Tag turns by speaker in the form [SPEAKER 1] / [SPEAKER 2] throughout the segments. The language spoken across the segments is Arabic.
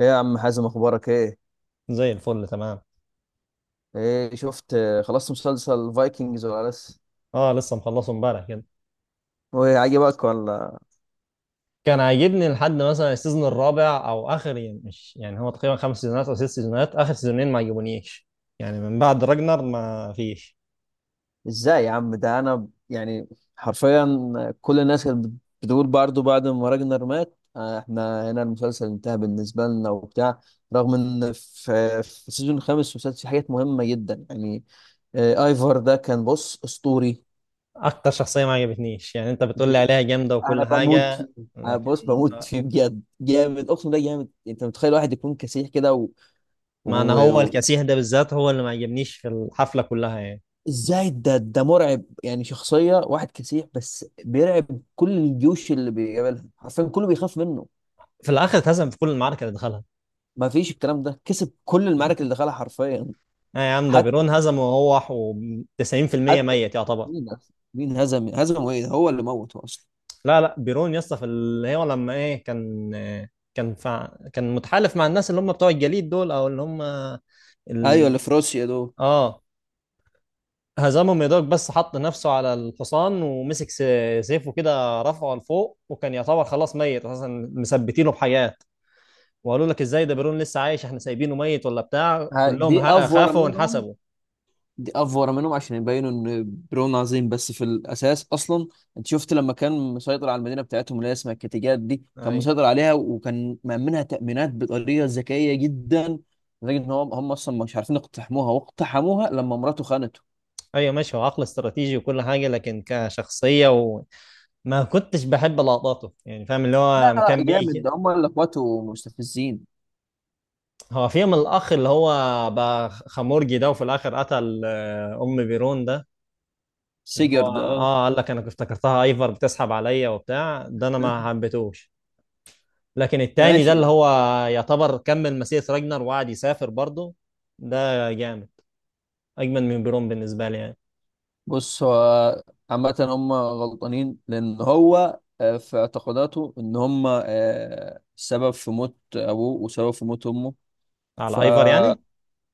[SPEAKER 1] ايه يا عم حازم، اخبارك ايه؟
[SPEAKER 2] زي الفل تمام.
[SPEAKER 1] ايه شفت، خلصت مسلسل فايكنجز ولا لسه؟
[SPEAKER 2] اه، لسه مخلصه امبارح كده.
[SPEAKER 1] وعجبك ولا؟
[SPEAKER 2] كان عاجبني لحد مثلا السيزون الرابع او اخر، يعني مش، يعني هو تقريبا خمس سيزونات او ست سيزونات، اخر سيزونين ما عجبونيش، يعني من بعد راجنر ما فيش.
[SPEAKER 1] ازاي يا عم، ده انا يعني حرفيا. كل الناس كانت بتقول برضه بعد ما راجنر مات، احنا هنا المسلسل انتهى بالنسبه لنا وبتاع. رغم ان في السيزون الخامس والسادس في حاجات مهمه جدا يعني. ايفر ده كان، بص، اسطوري.
[SPEAKER 2] اكتر شخصيه ما عجبتنيش، يعني انت بتقول لي
[SPEAKER 1] ب-
[SPEAKER 2] عليها جامده
[SPEAKER 1] انا
[SPEAKER 2] وكل
[SPEAKER 1] بموت
[SPEAKER 2] حاجه،
[SPEAKER 1] فيه. أنا
[SPEAKER 2] لكن
[SPEAKER 1] بص بموت فيه بجد، جامد، اقسم بالله جامد. انت متخيل واحد يكون كسيح كده.
[SPEAKER 2] ما انا هو
[SPEAKER 1] و...
[SPEAKER 2] الكسيه ده بالذات هو اللي ما عجبنيش في الحفله كلها يعني.
[SPEAKER 1] ازاي ده مرعب يعني، شخصية واحد كسيح بس بيرعب كل الجيوش اللي بيقابلها، حرفيا كله بيخاف منه.
[SPEAKER 2] في الاخر اتهزم في كل المعركه اللي دخلها.
[SPEAKER 1] ما فيش الكلام ده، كسب كل المعارك اللي دخلها حرفيا.
[SPEAKER 2] يا عم ده
[SPEAKER 1] حتى
[SPEAKER 2] بيرون هزمه وهو 90%
[SPEAKER 1] حتى
[SPEAKER 2] ميت يعتبر.
[SPEAKER 1] مين أصلاً؟ مين هزم ايه، هو اللي موت اصلا.
[SPEAKER 2] لا لا، بيرون يا اسطى، في اللي هو لما ايه كان، كان فع... كان متحالف مع الناس اللي هم بتوع الجليد دول، او اللي هم
[SPEAKER 1] ايوه
[SPEAKER 2] ال...
[SPEAKER 1] اللي في روسيا دول.
[SPEAKER 2] اه، هزمهم يا دوب، بس حط نفسه على الحصان ومسك سيفه كده، رفعه لفوق، وكان يعتبر خلاص ميت اساسا، مثبتينه بحاجات، وقالوا لك ازاي ده بيرون لسه عايش، احنا سايبينه ميت ولا بتاع،
[SPEAKER 1] ه-
[SPEAKER 2] كلهم
[SPEAKER 1] دي افور
[SPEAKER 2] خافوا
[SPEAKER 1] منهم
[SPEAKER 2] وانحسبوا.
[SPEAKER 1] دي افور منهم عشان يبينوا ان برون عظيم، بس في الاساس اصلا، انت شفت لما كان مسيطر على المدينه بتاعتهم اللي هي اسمها الكتيجات دي، كان
[SPEAKER 2] ايوه
[SPEAKER 1] مسيطر عليها وكان مأمنها تأمينات بطريقه ذكيه جدا، لدرجه ان هم اصلا مش عارفين يقتحموها، واقتحموها لما مراته خانته.
[SPEAKER 2] ايوه ماشي، هو عقل استراتيجي وكل حاجه، لكن كشخصيه وما كنتش بحب لقطاته يعني، فاهم اللي هو
[SPEAKER 1] لا
[SPEAKER 2] لما
[SPEAKER 1] لا،
[SPEAKER 2] كان
[SPEAKER 1] جامد،
[SPEAKER 2] بيجي.
[SPEAKER 1] ده هم اللي اخواته مستفزين.
[SPEAKER 2] هو فيهم الأخ اللي هو بقى خمورجي ده، وفي الآخر قتل أم بيرون ده، اللي هو
[SPEAKER 1] سيجر ده، اه.
[SPEAKER 2] قال لك أنا كنت افتكرتها أيفر بتسحب عليا وبتاع، ده أنا ما حبيتهوش. لكن التاني ده اللي
[SPEAKER 1] ماشي.
[SPEAKER 2] هو يعتبر كمل مسيرة راجنر، وقعد يسافر برضه. ده جامد، أجمل من بيرون بالنسبة لي يعني.
[SPEAKER 1] بص هو، عامة هم غلطانين لأن هو، في اعتقاداته إن هم، سبب في موت أبوه وسبب في موت أمه.
[SPEAKER 2] على أيفر
[SPEAKER 1] فا
[SPEAKER 2] يعني؟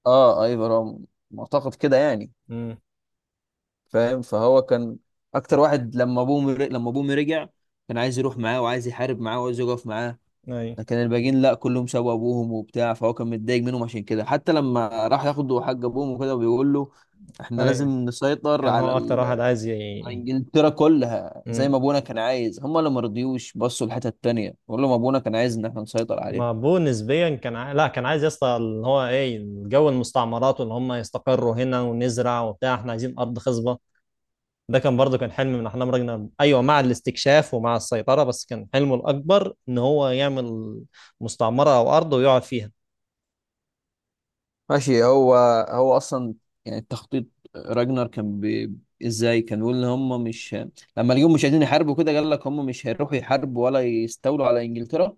[SPEAKER 1] آه أيوة، هو معتقد كده يعني،
[SPEAKER 2] امم.
[SPEAKER 1] فاهم، فهو كان أكتر واحد، لما أبوه رجع كان عايز يروح معاه، وعايز يحارب معاه، وعايز يقف معاه.
[SPEAKER 2] أيوه
[SPEAKER 1] لكن الباقيين لأ، كلهم سابوا أبوهم وبتاع، فهو كان متضايق منهم. عشان كده حتى لما راح ياخدوا حق أبوهم وكده بيقول له إحنا لازم
[SPEAKER 2] أيوه،
[SPEAKER 1] نسيطر
[SPEAKER 2] كان
[SPEAKER 1] على
[SPEAKER 2] هو أكتر واحد عايز
[SPEAKER 1] انجلترا كلها زي ما ابونا كان عايز. هم اللي ما رضيوش، بصوا الحته التانيه، بقول لهم ابونا كان عايز ان احنا نسيطر عليها.
[SPEAKER 2] ما بو نسبيا لا، كان عايز يا اسطى اللي هو ايه، جو المستعمرات، واللي هم يستقروا هنا ونزرع وبتاع، احنا عايزين ارض خصبه. ده كان برضه كان حلم من احلام راجنر، ايوه، مع الاستكشاف ومع السيطره، بس كان حلمه الاكبر ان هو يعمل مستعمره او ارض ويقعد فيها.
[SPEAKER 1] ماشي. هو اصلا يعني، التخطيط، راجنر كان ازاي كان بيقول ان هم مش، لما اليوم مش عايزين يحاربوا كده قال لك هم مش هيروحوا يحاربوا ولا يستولوا على انجلترا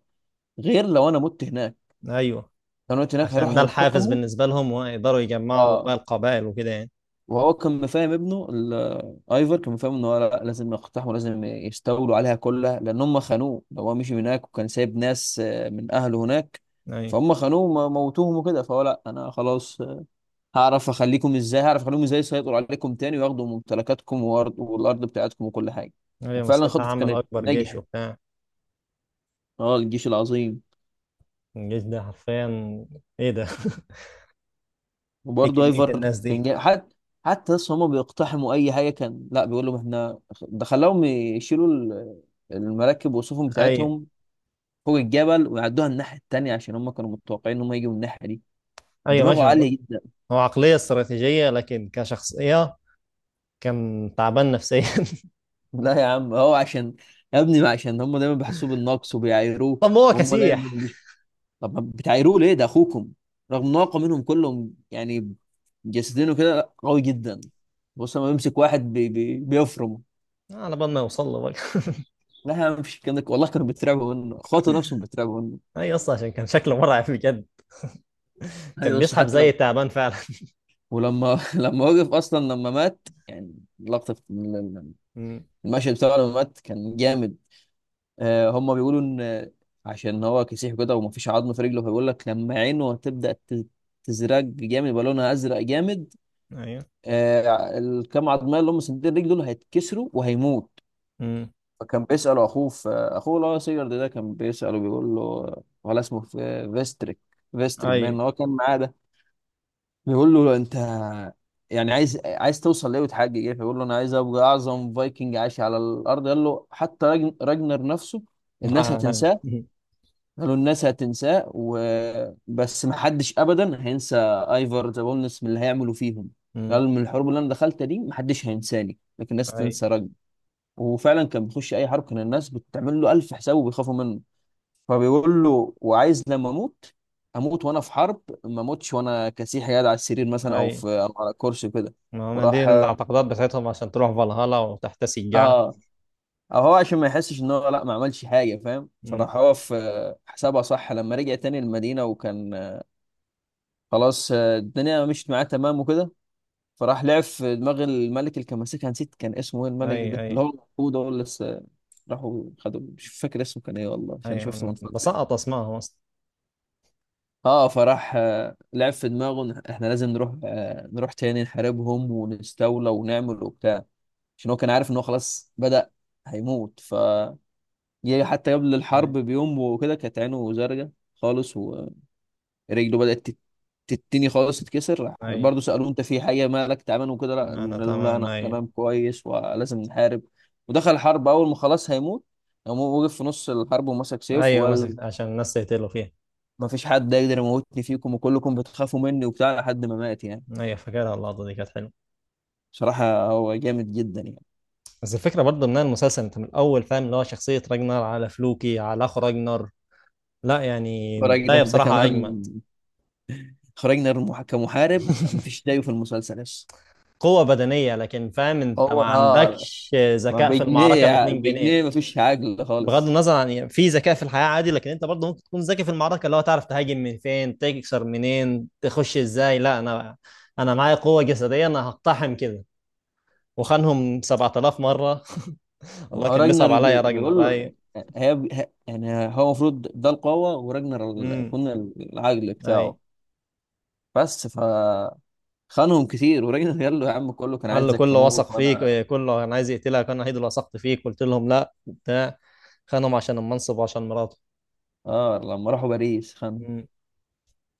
[SPEAKER 1] غير لو انا مت هناك.
[SPEAKER 2] ايوه،
[SPEAKER 1] لو انا مت هناك
[SPEAKER 2] عشان
[SPEAKER 1] هيروحوا
[SPEAKER 2] ده الحافز
[SPEAKER 1] ينتقموا.
[SPEAKER 2] بالنسبه لهم، ويقدروا يجمعوا
[SPEAKER 1] اه.
[SPEAKER 2] بقى القبائل وكده يعني.
[SPEAKER 1] وهو كان مفاهم ابنه ايفر، كان مفاهم ان هو لا، لازم يقتحموا، لازم يستولوا عليها كلها لان هم خانوه. لو هو مشي من هناك وكان سايب ناس، من اهله هناك،
[SPEAKER 2] ايوه
[SPEAKER 1] فهم خانوه، موتوهم وكده، فهو لا، انا خلاص، هعرف اخليكم ازاي، هعرف اخليهم ازاي يسيطروا عليكم تاني وياخدوا ممتلكاتكم والارض بتاعتكم وكل حاجه.
[SPEAKER 2] ايوه
[SPEAKER 1] وفعلا
[SPEAKER 2] مساعتها
[SPEAKER 1] خطته
[SPEAKER 2] عمل
[SPEAKER 1] كانت
[SPEAKER 2] اكبر جيش
[SPEAKER 1] نجحت.
[SPEAKER 2] وبتاع.
[SPEAKER 1] اه، الجيش العظيم.
[SPEAKER 2] الجيش ده حرفيا ايه ده ايه
[SPEAKER 1] وبرضه
[SPEAKER 2] كميه
[SPEAKER 1] ايفر
[SPEAKER 2] الناس
[SPEAKER 1] كان
[SPEAKER 2] دي.
[SPEAKER 1] جاي حتى، لسه هما بيقتحموا اي حاجه، كان لا بيقول لهم احنا، ده خلاهم يشيلوا المراكب والسفن
[SPEAKER 2] ايوه
[SPEAKER 1] بتاعتهم فوق الجبل ويعدوها الناحيه التانيه، عشان هما كانوا متوقعين ان هما يجوا من الناحيه دي.
[SPEAKER 2] ايوه
[SPEAKER 1] دماغه
[SPEAKER 2] ماشي،
[SPEAKER 1] عاليه جدا.
[SPEAKER 2] هو عقلية استراتيجية، لكن كشخصية كان تعبان نفسيا
[SPEAKER 1] لا يا عم، هو عشان، يا ابني، ما عشان هما دايما بيحسوه بالنقص وبيعايروه.
[SPEAKER 2] طب هو
[SPEAKER 1] وهم دايما
[SPEAKER 2] كسيح.
[SPEAKER 1] طب ما بتعايروه ليه، ده اخوكم، رغم ان هو أقوى منهم كلهم يعني، جسدينه كده قوي جدا. بص لما بيمسك واحد بي بي بيفرم.
[SPEAKER 2] على بال ما يوصل له بقى
[SPEAKER 1] لا يا عم مفيش الكلام ده، والله كانوا بيترعبوا منه، اخواته نفسهم بيترعبوا منه.
[SPEAKER 2] اي، اصلا عشان كان شكله مرعب بجد، كان
[SPEAKER 1] ايوه، بص.
[SPEAKER 2] بيسحب
[SPEAKER 1] حتى
[SPEAKER 2] زي
[SPEAKER 1] لما،
[SPEAKER 2] تعبان فعلا
[SPEAKER 1] ولما لما وقف اصلا، لما مات، يعني لقطه في
[SPEAKER 2] أمم،
[SPEAKER 1] المشهد بتاعه لما مات كان جامد. آه، هم بيقولوا ان، عشان هو كسيح كده ومفيش عظم في رجله، فبيقول لك لما عينه هتبدا تزرق جامد، يبقى لونها ازرق جامد،
[SPEAKER 2] ايوه.
[SPEAKER 1] آه الكام عظمه اللي هم سندين رجله دول هيتكسروا وهيموت.
[SPEAKER 2] أمم،
[SPEAKER 1] فكان بيساله اخوه، في اخوه اللي هو سيجارد ده كان بيساله، بيقول له، ولا اسمه في فيستريك، فيستريك
[SPEAKER 2] اي
[SPEAKER 1] باين ان هو كان معاه، بيقول له انت يعني عايز، عايز توصل ليه وتحقق ايه؟ فيقول له انا عايز ابقى اعظم فايكنج عاش على الارض. قال له حتى راجنر نفسه الناس هتنساه، قالوا الناس هتنساه، وبس ما حدش ابدا هينسى ايفر ذا بولنس من اللي هيعملوا فيهم.
[SPEAKER 2] أمم.
[SPEAKER 1] قال من الحروب اللي انا دخلتها دي ما حدش هينساني، لكن الناس
[SPEAKER 2] اي
[SPEAKER 1] تنسى راجنر. وفعلا كان بيخش اي حرب كان الناس بتعمل له الف حساب وبيخافوا منه. فبيقول له، وعايز لما اموت، اموت وانا في حرب، ما اموتش وانا كسيح قاعد على السرير مثلا،
[SPEAKER 2] اي،
[SPEAKER 1] او في، او على كرسي كده.
[SPEAKER 2] ما هم دي
[SPEAKER 1] وراح.
[SPEAKER 2] الاعتقادات بتاعتهم، عشان تروح فالهالا وتحتسي الجعة.
[SPEAKER 1] اه. او هو عشان ما يحسش ان هو لا، ما عملش حاجه، فاهم،
[SPEAKER 2] أمم.
[SPEAKER 1] فراح هو في حسابها صح لما رجع تاني المدينه، وكان، خلاص، الدنيا مشيت معاه تمام وكده. فراح لعب في دماغ الملك اللي كان ماسكها، نسيت كان اسمه ايه
[SPEAKER 2] اي
[SPEAKER 1] الملك ده، اللي
[SPEAKER 2] اي
[SPEAKER 1] هو المفروض هو اللي لسه راحوا خدوا، مش فاكر اسمه كان ايه والله عشان
[SPEAKER 2] اي،
[SPEAKER 1] شفته من
[SPEAKER 2] أنا
[SPEAKER 1] فتره.
[SPEAKER 2] بسقط اسمائهم اصلا.
[SPEAKER 1] اه، فراح، لعب في دماغه إن احنا لازم نروح، نروح تاني نحاربهم ونستولى ونعمل وبتاع، عشان هو كان عارف ان هو خلاص بدأ هيموت. ف جه حتى قبل
[SPEAKER 2] اي
[SPEAKER 1] الحرب بيوم وكده، كانت عينه زرقاء خالص، ورجله بدأت تتني خالص، تتكسر. راح
[SPEAKER 2] اي،
[SPEAKER 1] برضه، سألوه انت في حاجة مالك تعبان وكده، لا
[SPEAKER 2] انا
[SPEAKER 1] قال لهم لا
[SPEAKER 2] تمام.
[SPEAKER 1] انا
[SPEAKER 2] اي.
[SPEAKER 1] تمام كويس ولازم نحارب. ودخل الحرب، اول ما خلاص هيموت قام هو وقف في نص الحرب ومسك سيف
[SPEAKER 2] ايوه
[SPEAKER 1] وقال
[SPEAKER 2] مسك عشان الناس تقتلوا فيها.
[SPEAKER 1] ما فيش حد يقدر يموتني فيكم وكلكم بتخافوا مني وبتاع، لحد ما مات يعني.
[SPEAKER 2] ايوه فاكرها، اللقطة دي كانت حلوة.
[SPEAKER 1] بصراحة هو جامد جدا يعني.
[SPEAKER 2] بس الفكرة برضه ان أنا المسلسل، انت من الاول فاهم اللي هو شخصية راجنر على فلوكي، على اخو راجنر. لا يعني
[SPEAKER 1] الراجل ده
[SPEAKER 2] البداية
[SPEAKER 1] ده
[SPEAKER 2] بصراحة
[SPEAKER 1] كمان،
[SPEAKER 2] اجمد.
[SPEAKER 1] خرجنا كمحارب ما فيش زيه في المسلسل لسه.
[SPEAKER 2] قوة بدنية، لكن فاهم انت ما
[SPEAKER 1] هو اه،
[SPEAKER 2] عندكش
[SPEAKER 1] ما
[SPEAKER 2] ذكاء في المعركة ب
[SPEAKER 1] بجنيه،
[SPEAKER 2] 2 جنيه.
[SPEAKER 1] بجنيه ما فيش عقل
[SPEAKER 2] بغض
[SPEAKER 1] خالص.
[SPEAKER 2] النظر عن، يعني في ذكاء في الحياة عادي، لكن انت برضه ممكن تكون ذكي في المعركة، اللي هو تعرف تهاجم من فين، تكسر منين، تخش ازاي، لا انا، انا معايا قوة جسدية، انا هقتحم كده. وخانهم 7000 مرة
[SPEAKER 1] ما
[SPEAKER 2] الله،
[SPEAKER 1] هو
[SPEAKER 2] كان بيصعب
[SPEAKER 1] راجنر
[SPEAKER 2] عليا يا
[SPEAKER 1] بيقول
[SPEAKER 2] راجنر. اي.
[SPEAKER 1] له، يعني هو المفروض ده القوة وراجنر
[SPEAKER 2] امم.
[SPEAKER 1] يكون العقل
[SPEAKER 2] اي.
[SPEAKER 1] بتاعه. بس ف، خانهم كتير وراجنر قال له يا عم كله كان
[SPEAKER 2] قال له
[SPEAKER 1] عايزك
[SPEAKER 2] كله
[SPEAKER 1] تموت
[SPEAKER 2] وثق فيك
[SPEAKER 1] وانا.
[SPEAKER 2] كله كان عايز يقتلك، انا الوحيد اللي وثقت فيك، قلت لهم لا بتاع خانهم عشان المنصب وعشان مراته.
[SPEAKER 1] اه لما راحوا باريس خانهم.
[SPEAKER 2] مم.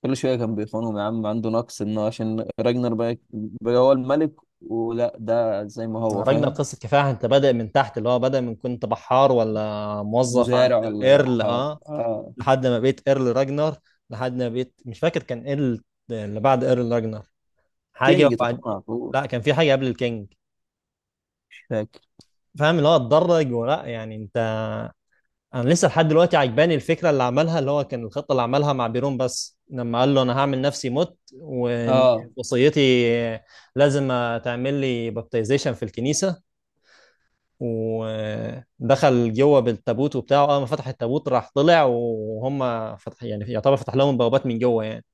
[SPEAKER 1] كل شويه كان بيخونهم يا عم، عنده نقص، انه عشان راجنر بقى هو الملك ولا ده زي ما هو
[SPEAKER 2] عرجنا
[SPEAKER 1] فاهم.
[SPEAKER 2] لقصه كفاح، انت بادئ من تحت، اللي هو بادئ من، كنت بحار ولا موظف عند
[SPEAKER 1] مزارع ولا
[SPEAKER 2] الايرل،
[SPEAKER 1] وحار،
[SPEAKER 2] اه،
[SPEAKER 1] اه.
[SPEAKER 2] لحد ما بقيت ايرل راجنر، لحد ما بقيت مش فاكر كان ايه اللي بعد ايرل راجنر، حاجه
[SPEAKER 1] كينج
[SPEAKER 2] وبعد،
[SPEAKER 1] تقريبا على طول.
[SPEAKER 2] لا كان في حاجه قبل الكينج،
[SPEAKER 1] مش فاكر.
[SPEAKER 2] فاهم اللي هو اتدرج، ولا يعني انت. انا لسه لحد دلوقتي عجباني الفكره اللي عملها، اللي هو كان الخطه اللي عملها مع بيرون، بس لما قال له انا هعمل نفسي مت،
[SPEAKER 1] اه
[SPEAKER 2] ووصيتي لازم تعمل لي بابتيزيشن في الكنيسه. ودخل جوه بالتابوت وبتاعه، اول ما فتح التابوت راح طلع وهم، فتح يعني يعتبر فتح لهم بوابات من جوه يعني.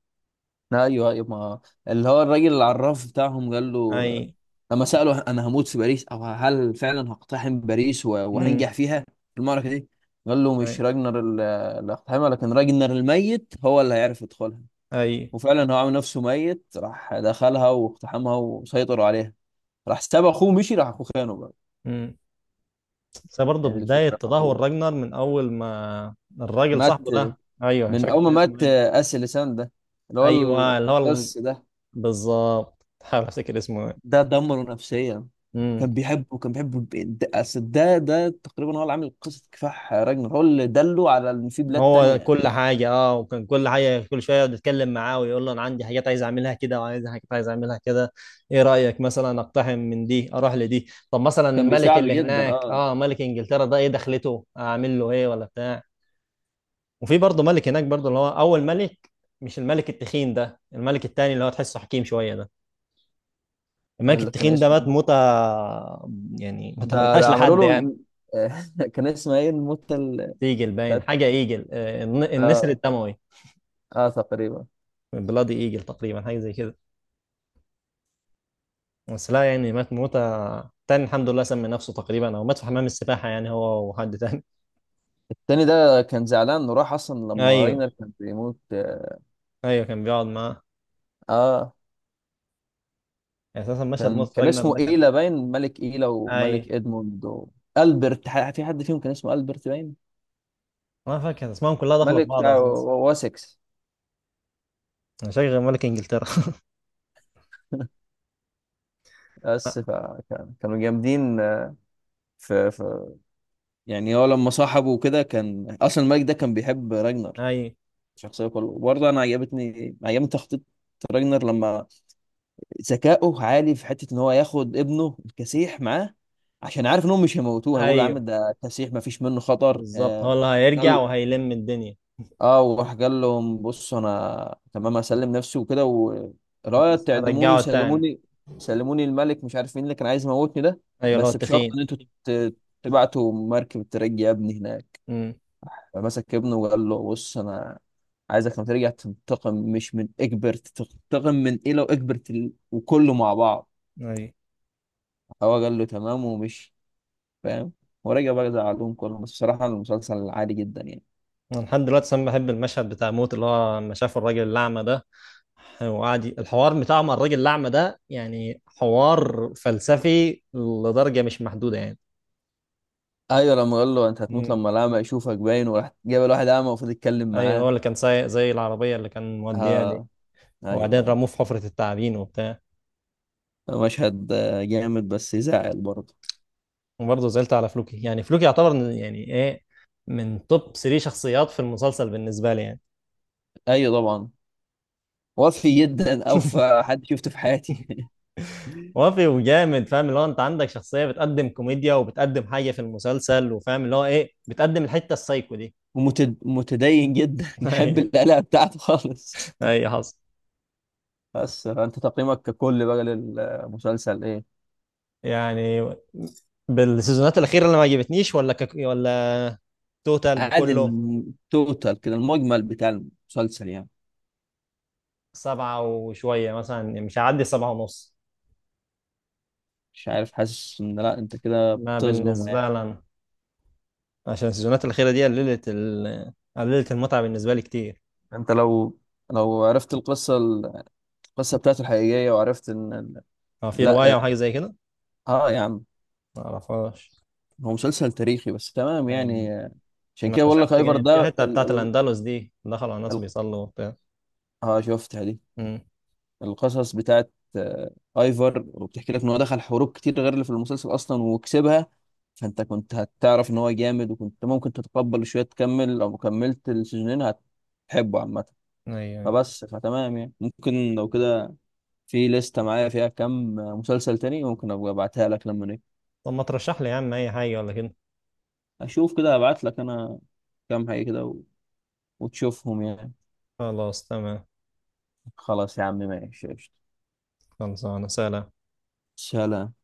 [SPEAKER 1] ايوه، ايوه، ما، اللي هو الراجل العراف بتاعهم قال له،
[SPEAKER 2] اي.
[SPEAKER 1] آه، لما سأله انا هموت في باريس او هل فعلا هقتحم باريس
[SPEAKER 2] امم.
[SPEAKER 1] وهنجح فيها في المعركه دي، قال له
[SPEAKER 2] اي
[SPEAKER 1] مش راجنر اللي هقتحمها لكن راجنر الميت هو اللي هيعرف يدخلها.
[SPEAKER 2] اي.
[SPEAKER 1] وفعلا هو عامل نفسه ميت، راح دخلها واقتحمها وسيطروا عليها. راح ساب اخوه، مشي، راح اخوه خانه بقى.
[SPEAKER 2] امم. بس برضه
[SPEAKER 1] يعني دي
[SPEAKER 2] بدايه
[SPEAKER 1] الفكره في
[SPEAKER 2] تدهور
[SPEAKER 1] اخوه.
[SPEAKER 2] راجنر من اول ما الراجل
[SPEAKER 1] مات.
[SPEAKER 2] صاحبه ده، ايوه مش
[SPEAKER 1] من
[SPEAKER 2] فاكر
[SPEAKER 1] اول ما
[SPEAKER 2] كان اسمه
[SPEAKER 1] مات
[SPEAKER 2] ايه.
[SPEAKER 1] اسي لسان ده، اللي هو
[SPEAKER 2] ايوه اللي هو،
[SPEAKER 1] القس ده
[SPEAKER 2] بالظبط، تحاول افتكر اسمه ايه.
[SPEAKER 1] ده دمره نفسيا.
[SPEAKER 2] امم.
[SPEAKER 1] كان بيحبه، كان بيحبه، ده أصل، ده تقريبا هو اللي عامل قصه كفاح راجنر، هو اللي دله على ان في بلاد
[SPEAKER 2] هو
[SPEAKER 1] تانية.
[SPEAKER 2] كل حاجه، اه، وكان كل حاجه، كل شويه بيتكلم معاه ويقول له انا عندي حاجات عايز اعملها كده، وعايز حاجات عايز اعملها كده، ايه رايك مثلا اقتحم من دي، اروح لدي، طب مثلا
[SPEAKER 1] كان
[SPEAKER 2] الملك
[SPEAKER 1] بيساعده
[SPEAKER 2] اللي
[SPEAKER 1] جدا،
[SPEAKER 2] هناك،
[SPEAKER 1] اه.
[SPEAKER 2] اه، ملك انجلترا ده ايه دخلته، اعمل له ايه ولا بتاع. وفي برضه ملك هناك برضه، اللي هو اول ملك، مش الملك التخين ده، الملك التاني اللي هو تحسه حكيم شويه ده. الملك
[SPEAKER 1] اللي كان
[SPEAKER 2] التخين ده
[SPEAKER 1] اسمه
[SPEAKER 2] مات
[SPEAKER 1] إيه؟
[SPEAKER 2] موتة يعني ما
[SPEAKER 1] ده
[SPEAKER 2] تمناش
[SPEAKER 1] ده عملوا
[SPEAKER 2] لحد يعني.
[SPEAKER 1] له. كان اسمه ايه الموتة
[SPEAKER 2] ايجل باين
[SPEAKER 1] بتاعت،
[SPEAKER 2] حاجه، ايجل، النسر
[SPEAKER 1] اه،
[SPEAKER 2] الدموي،
[SPEAKER 1] اه تقريبا.
[SPEAKER 2] بلادي ايجل تقريبا، حاجه زي كده. بس لا يعني مات موتة تاني الحمد لله، سمي نفسه تقريبا، او مات في حمام السباحه يعني، هو وحد تاني
[SPEAKER 1] التاني ده كان زعلان انه راح اصلا لما
[SPEAKER 2] ايوه
[SPEAKER 1] راجنر كان بيموت، اه.
[SPEAKER 2] ايوه، كان بيقعد معاه،
[SPEAKER 1] آه.
[SPEAKER 2] يعني اساسا مشهد
[SPEAKER 1] كان،
[SPEAKER 2] ماتش
[SPEAKER 1] كان
[SPEAKER 2] راجنر
[SPEAKER 1] اسمه
[SPEAKER 2] ده كان.
[SPEAKER 1] ايلا باين، ملك ايلا وملك
[SPEAKER 2] ايوه.
[SPEAKER 1] ادموند البرت، في حد فيهم كان اسمه البرت باين،
[SPEAKER 2] ما فاكر اسمائهم كلها داخله في
[SPEAKER 1] ملك
[SPEAKER 2] بعض
[SPEAKER 1] بتاع
[SPEAKER 2] اساسا.
[SPEAKER 1] واسكس.
[SPEAKER 2] شغل ملك انجلترا
[SPEAKER 1] بس فكان كانوا جامدين في يعني، هو لما صاحبه وكده كان اصلا الملك ده كان بيحب راجنر
[SPEAKER 2] ايوه
[SPEAKER 1] شخصيه كله. وبرضه انا عجبتني، عجبني تخطيط راجنر، لما ذكائه عالي في حته ان هو ياخد ابنه الكسيح معاه عشان عارف انهم مش هيموتوه، هيقولوا يا عم
[SPEAKER 2] ايوه
[SPEAKER 1] ده كسيح ما فيش منه خطر،
[SPEAKER 2] بالظبط، هو اللي
[SPEAKER 1] ده
[SPEAKER 2] هيرجع وهيلم الدنيا.
[SPEAKER 1] اه. وراح قال لهم بصوا انا تمام اسلم نفسي وكده،
[SPEAKER 2] بس
[SPEAKER 1] ورايت تعدموني،
[SPEAKER 2] هرجعه تاني.
[SPEAKER 1] وسلموني، سلموني الملك، مش عارف مين اللي كان عايز يموتني ده،
[SPEAKER 2] ايوه اللي هو
[SPEAKER 1] بس بشرط
[SPEAKER 2] التخين.
[SPEAKER 1] ان انتوا ت- تبعتوا مركب ترجي ابني هناك.
[SPEAKER 2] امم.
[SPEAKER 1] فمسك ابنه وقال له بص، انا عايزك لما ترجع تنتقم، مش من اكبر، تنتقم من ايه لو اكبرت وكله مع بعض.
[SPEAKER 2] ايوه.
[SPEAKER 1] هو قال له تمام ومشي. فاهم؟ ورجع بقى زعلهم كلهم. بس بصراحة المسلسل عادي جدا يعني.
[SPEAKER 2] انا لحد دلوقتي انا بحب المشهد بتاع موت، اللي هو لما شاف الراجل الاعمى ده، وقعد الحوار بتاعه مع الراجل الأعمى ده، يعني حوار فلسفي لدرجة مش محدودة يعني.
[SPEAKER 1] ايوه، لما قال له انت هتموت
[SPEAKER 2] مم.
[SPEAKER 1] لما الاعمى يشوفك باين، وراح جاب الواحد اعمى المفروض يتكلم
[SPEAKER 2] أيوه، هو
[SPEAKER 1] معاه.
[SPEAKER 2] اللي كان سايق زي العربية اللي كان موديها دي.
[SPEAKER 1] ها،
[SPEAKER 2] وبعدين
[SPEAKER 1] ايوه.
[SPEAKER 2] رموه في حفرة التعابين وبتاع.
[SPEAKER 1] ايوه مشهد، جامد بس يزعل برضه.
[SPEAKER 2] وبرضه زعلت على فلوكي، يعني فلوكي يعتبر يعني إيه، من توب 3 شخصيات في المسلسل بالنسبة لي يعني.
[SPEAKER 1] ايوه طبعا. وفي جدا، اوفى حد شفته في حياتي.
[SPEAKER 2] وافي وجامد، فاهم اللي هو انت عندك شخصية بتقدم كوميديا، وبتقدم حاجة في المسلسل، وفاهم اللي هو ايه بتقدم الحتة السايكو دي
[SPEAKER 1] ومتدين جدا. يحب
[SPEAKER 2] ايوه،
[SPEAKER 1] القلق بتاعته خالص.
[SPEAKER 2] أيوة، حصل.
[SPEAKER 1] بس انت تقييمك ككل بقى للمسلسل ايه؟
[SPEAKER 2] يعني بالسيزونات الأخيرة اللي ما عجبتنيش، ولا توتال
[SPEAKER 1] عادي،
[SPEAKER 2] بكله.
[SPEAKER 1] التوتال كده، المجمل بتاع المسلسل يعني.
[SPEAKER 2] سبعة وشوية مثلا يعني، مش هعدي سبعة ونص.
[SPEAKER 1] مش عارف، حاسس ان لا، انت كده
[SPEAKER 2] ما
[SPEAKER 1] بتظلمه
[SPEAKER 2] بالنسبة
[SPEAKER 1] يعني.
[SPEAKER 2] لنا، عشان السيزونات الأخيرة دي قللت المتعة بالنسبة لي كتير.
[SPEAKER 1] انت لو، لو عرفت القصة، القصة بتاعته الحقيقية، وعرفت ان
[SPEAKER 2] هو في
[SPEAKER 1] لا
[SPEAKER 2] رواية
[SPEAKER 1] اه،
[SPEAKER 2] وحاجة زي كده؟
[SPEAKER 1] آه يا عم،
[SPEAKER 2] ما أعرفهاش.
[SPEAKER 1] هو مسلسل تاريخي بس تمام
[SPEAKER 2] يعني
[SPEAKER 1] يعني، عشان
[SPEAKER 2] ما
[SPEAKER 1] كده بقول لك
[SPEAKER 2] شفت
[SPEAKER 1] ايفر
[SPEAKER 2] جاي في
[SPEAKER 1] ده
[SPEAKER 2] حتة بتاعت الأندلس دي، دخلوا على ناس
[SPEAKER 1] ال...
[SPEAKER 2] بيصلوا وبتاع.
[SPEAKER 1] اه، شفتها دي،
[SPEAKER 2] امم.
[SPEAKER 1] القصص بتاعت، ايفر، وبتحكي لك ان هو دخل حروب كتير غير اللي في المسلسل اصلا وكسبها. فانت كنت هتعرف ان هو جامد، وكنت ممكن تتقبل شوية، تكمل لو كملت السيزونين هتحبه عامة.
[SPEAKER 2] أيوه. أيوة.
[SPEAKER 1] فبس، فتمام يعني، ممكن لو كده، في لستة معايا فيها كم مسلسل تاني ممكن ابقى ابعتها لك، لما
[SPEAKER 2] طب ما ترشح لي يا عم أي حاجة ولا كده.
[SPEAKER 1] اشوف كده ابعت لك انا كام حاجه كده وتشوفهم يعني.
[SPEAKER 2] خلاص تمام.
[SPEAKER 1] خلاص يا عم ماشي، قشطة.
[SPEAKER 2] خلصانة، سلام.
[SPEAKER 1] سلام.